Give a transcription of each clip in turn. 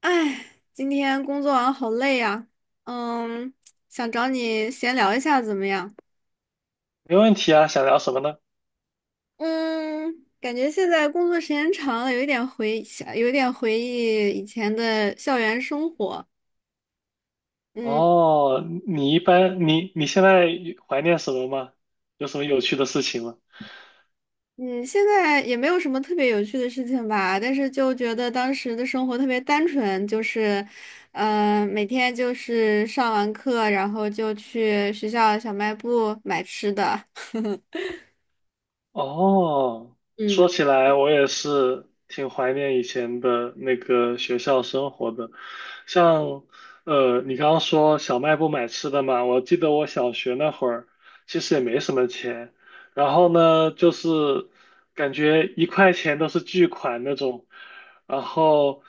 哎，今天工作完好累呀，嗯，想找你闲聊一下怎么样？没问题啊，想聊什么呢？嗯，感觉现在工作时间长了，有一点回想，有一点回忆以前的校园生活。嗯哦，你一般你你现在怀念什么吗？有什么有趣的事情吗？嗯，现在也没有什么特别有趣的事情吧，但是就觉得当时的生活特别单纯，就是，每天就是上完课，然后就去学校小卖部买吃的。哦，嗯。说起来，我也是挺怀念以前的那个学校生活的。像，你刚刚说小卖部买吃的嘛，我记得我小学那会儿其实也没什么钱，然后呢，就是感觉一块钱都是巨款那种，然后，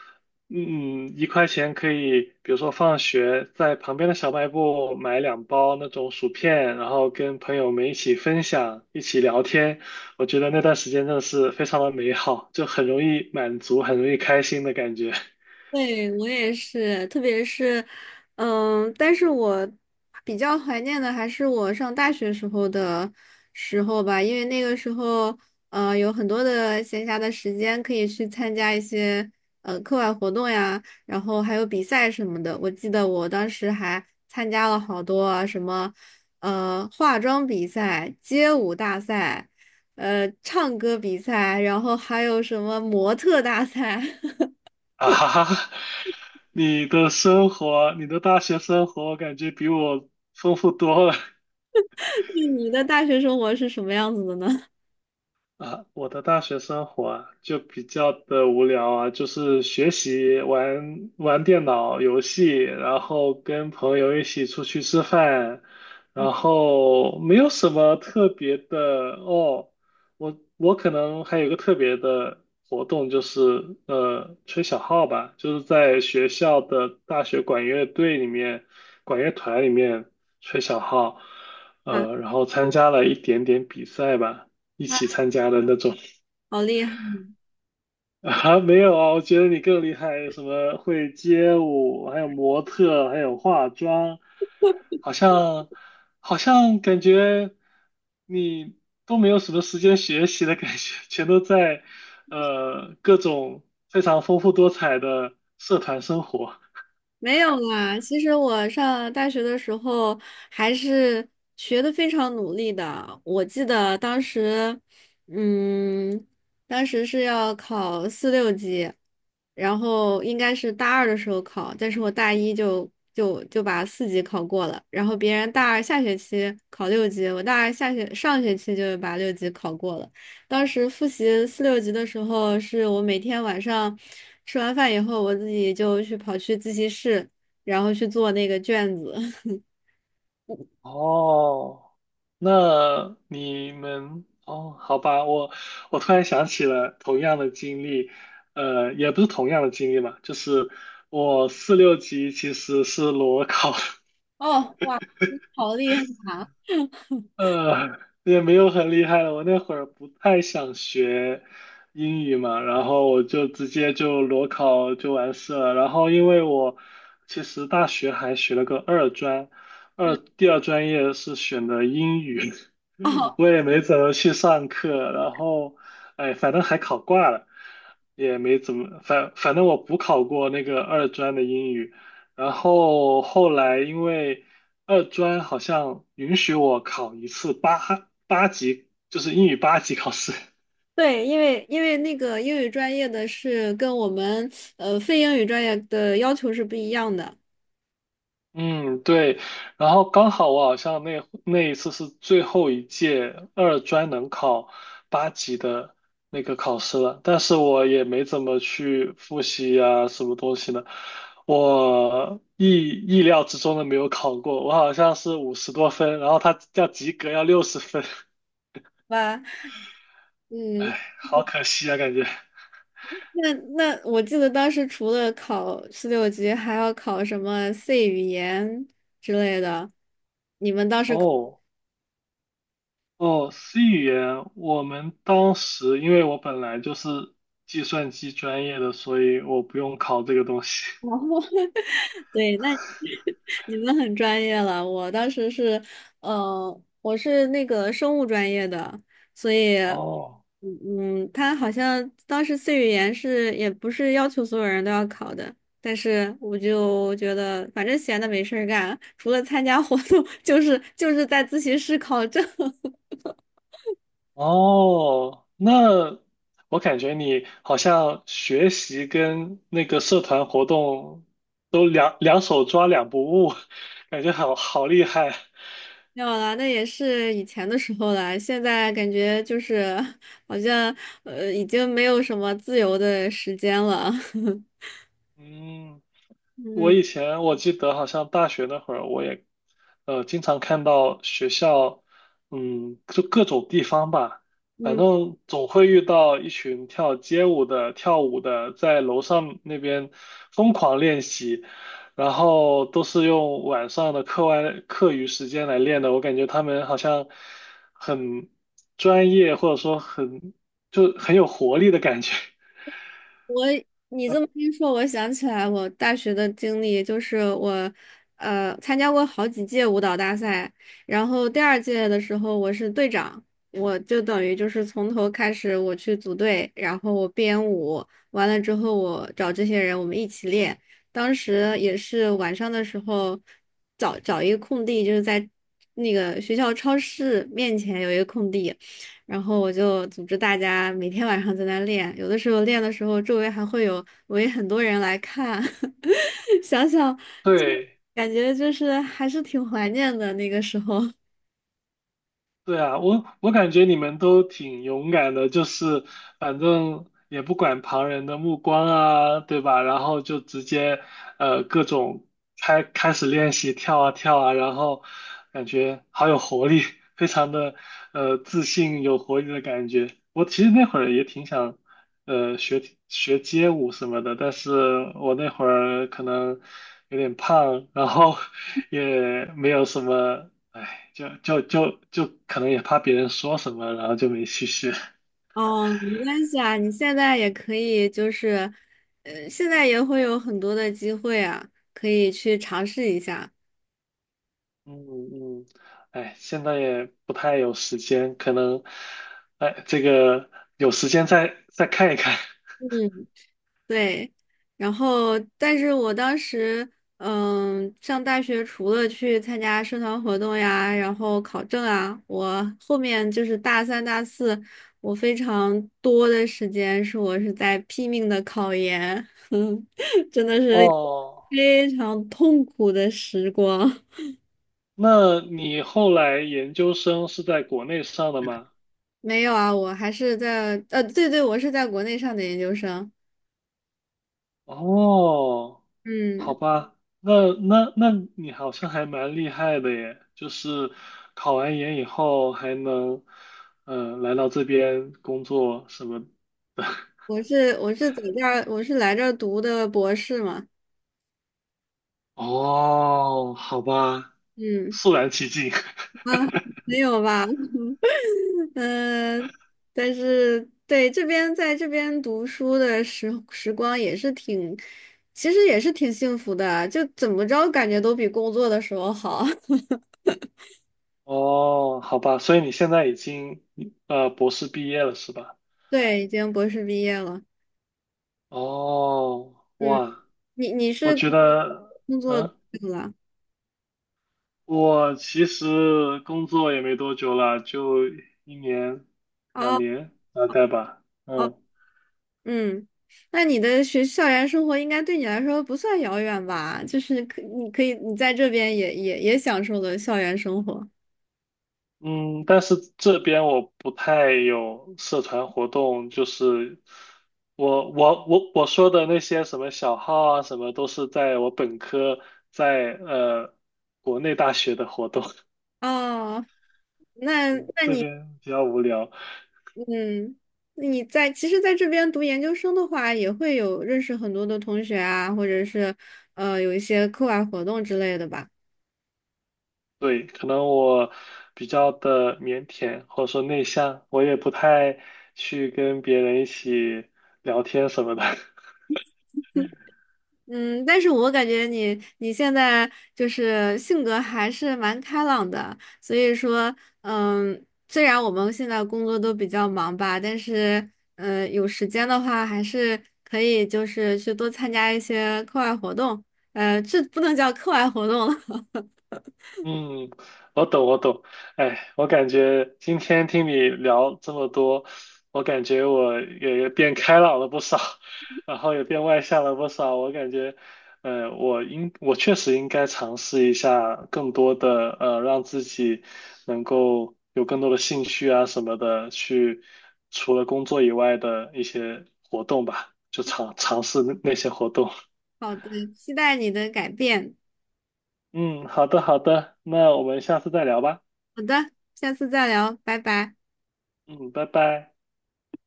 嗯，一块钱可以，比如说放学在旁边的小卖部买两包那种薯片，然后跟朋友们一起分享，一起聊天。我觉得那段时间真的是非常的美好，就很容易满足，很容易开心的感觉。对，我也是，特别是，但是我比较怀念的还是我上大学时候吧，因为那个时候，有很多的闲暇的时间可以去参加一些课外活动呀，然后还有比赛什么的。我记得我当时还参加了好多啊什么，化妆比赛、街舞大赛，唱歌比赛，然后还有什么模特大赛。啊哈哈，你的生活，你的大学生活，感觉比我丰富多了。你的大学生活是什么样子的呢？啊，我的大学生活啊，就比较的无聊啊，就是学习、玩玩电脑游戏，然后跟朋友一起出去吃饭，然后没有什么特别的哦。我可能还有一个特别的活动，就是吹小号吧，就是在学校的大学管乐队里面、管乐团里面吹小号，啊，然后参加了一点点比赛吧。一那起参加的那种。 好厉害！啊，没有啊，我觉得你更厉害，什么会街舞，还有模特，还有化妆，好像好像感觉你都没有什么时间学习的感觉，全都在各种非常丰富多彩的社团生活。没有啦，其实我上大学的时候还是学的非常努力的。我记得当时，嗯，当时是要考四六级，然后应该是大二的时候考，但是我大一就把四级考过了，然后别人大二下学期考六级，我大二上学期就把六级考过了。当时复习四六级的时候，是我每天晚上吃完饭以后，我自己就去跑去自习室，然后去做那个卷子。哦，那你们哦，好吧，我突然想起了同样的经历，也不是同样的经历吧，就是我四六级其实是裸考的，哦，哇，你好厉害啊！也没有很厉害了。我那会儿不太想学英语嘛，然后我就直接就裸考就完事了。然后因为我其实大学还学了个二专，嗯，第二专业是选的英语，哦，我也没怎么去上课。然后，哎，反正还考挂了，也没怎么，反正我补考过那个二专的英语。然后后来因为二专好像允许我考一次八级，就是英语八级考试。对，因为那个英语专业的是跟我们非英语专业的要求是不一样的嗯，对。然后刚好我好像那一次是最后一届二专能考八级的那个考试了，但是我也没怎么去复习啊，什么东西的。我意料之中的没有考过，我好像是五十多分，然后他要及格要六十分，吧？嗯，哎，好可惜啊，感觉。那我记得当时除了考四六级，还要考什么 C 语言之类的，你们当时考哦。哦，C 语言，我们当时因为我本来就是计算机专业的，所以我不用考这个东西。吗？对，那 你们很专业了。我当时是，我是那个生物专业的，所以，哦，嗯，他好像当时 C 语言是也不是要求所有人都要考的，但是我就觉得反正闲的没事儿干，除了参加活动，就是在自习室考证。哦，那我感觉你好像学习跟那个社团活动都两手抓两不误，感觉好好厉害。没有啦，那也是以前的时候了。现在感觉就是好像已经没有什么自由的时间了。嗯。我嗯。以前我记得好像大学那会儿，我也经常看到学校，嗯，就各种地方吧，反嗯，正总会遇到一群跳街舞的、跳舞的，在楼上那边疯狂练习，然后都是用晚上的课余时间来练的。我感觉他们好像很专业，或者说就很有活力的感觉。我你这么一说，我想起来我大学的经历，就是我，参加过好几届舞蹈大赛，然后第二届的时候我是队长，我就等于就是从头开始我去组队，然后我编舞，完了之后我找这些人我们一起练，当时也是晚上的时候找找一个空地，就是在那个学校超市面前有一个空地。然后我就组织大家每天晚上在那练，有的时候练的时候，周围还会有围很多人来看，想想对。感觉就是还是挺怀念的那个时候。对啊，我我感觉你们都挺勇敢的，就是反正也不管旁人的目光啊，对吧？然后就直接各种开始练习跳啊跳啊，然后感觉好有活力，非常的自信有活力的感觉。我其实那会儿也挺想呃学学街舞什么的，但是我那会儿可能有点胖，然后 也没有什么，哎，就可能也怕别人说什么，然后就没去学。哦，没关系啊，你现在也可以，就是，现在也会有很多的机会啊，可以去尝试一下。嗯嗯，哎，现在也不太有时间，可能，哎，这个有时间再看一看。嗯。对，然后但是我当时，上大学除了去参加社团活动呀，然后考证啊，我后面就是大三、大四，我非常多的时间是在拼命的考研，嗯真的是哦，非常痛苦的时光。那你后来研究生是在国内上的吗？没有啊，我还是在，对对，我是在国内上的研究生，哦。好嗯，吧，那你好像还蛮厉害的耶，就是考完研以后还能，来到这边工作什么的。我是在这儿，我是来这儿读的博士嘛，哦，好吧，嗯。肃然起敬。啊，没有吧？嗯、但是对这边在这边读书的时光也是挺，其实也是挺幸福的啊，就怎么着感觉都比工作的时候好。哦，好吧，所以你现在已经博士毕业了是吧？对，已经博士毕业了。哦，嗯，哇，你我是觉得，工作多嗯，久了？我其实工作也没多久了，就一年两哦年大概吧。哦，嗯。嗯，那你的校园生活应该对你来说不算遥远吧？就是可你可以你在这边也享受了校园生活。嗯，但是这边我不太有社团活动，就是我说的那些什么小号啊，什么都是在我本科在国内大学的活动，哦，那 嗯那这你。边比较无聊。嗯，那你其实在这边读研究生的话，也会有认识很多的同学啊，或者是有一些课外活动之类的吧。对，可能我比较的腼腆或者说内向，我也不太去跟别人一起聊天什么的。嗯，但是我感觉你现在就是性格还是蛮开朗的，所以说，虽然我们现在工作都比较忙吧，但是有时间的话，还是可以就是去多参加一些课外活动。这不能叫课外活动了。嗯，我懂，我懂。哎，我感觉今天听你聊这么多，我感觉我也变开朗了不少，然后也变外向了不少。我感觉，我确实应该尝试一下更多的，让自己能够有更多的兴趣啊什么的，去除了工作以外的一些活动吧，就尝试那些活动。好的，期待你的改变。嗯，好的，好的，那我们下次再聊吧。好的，下次再聊，拜拜。嗯，拜拜。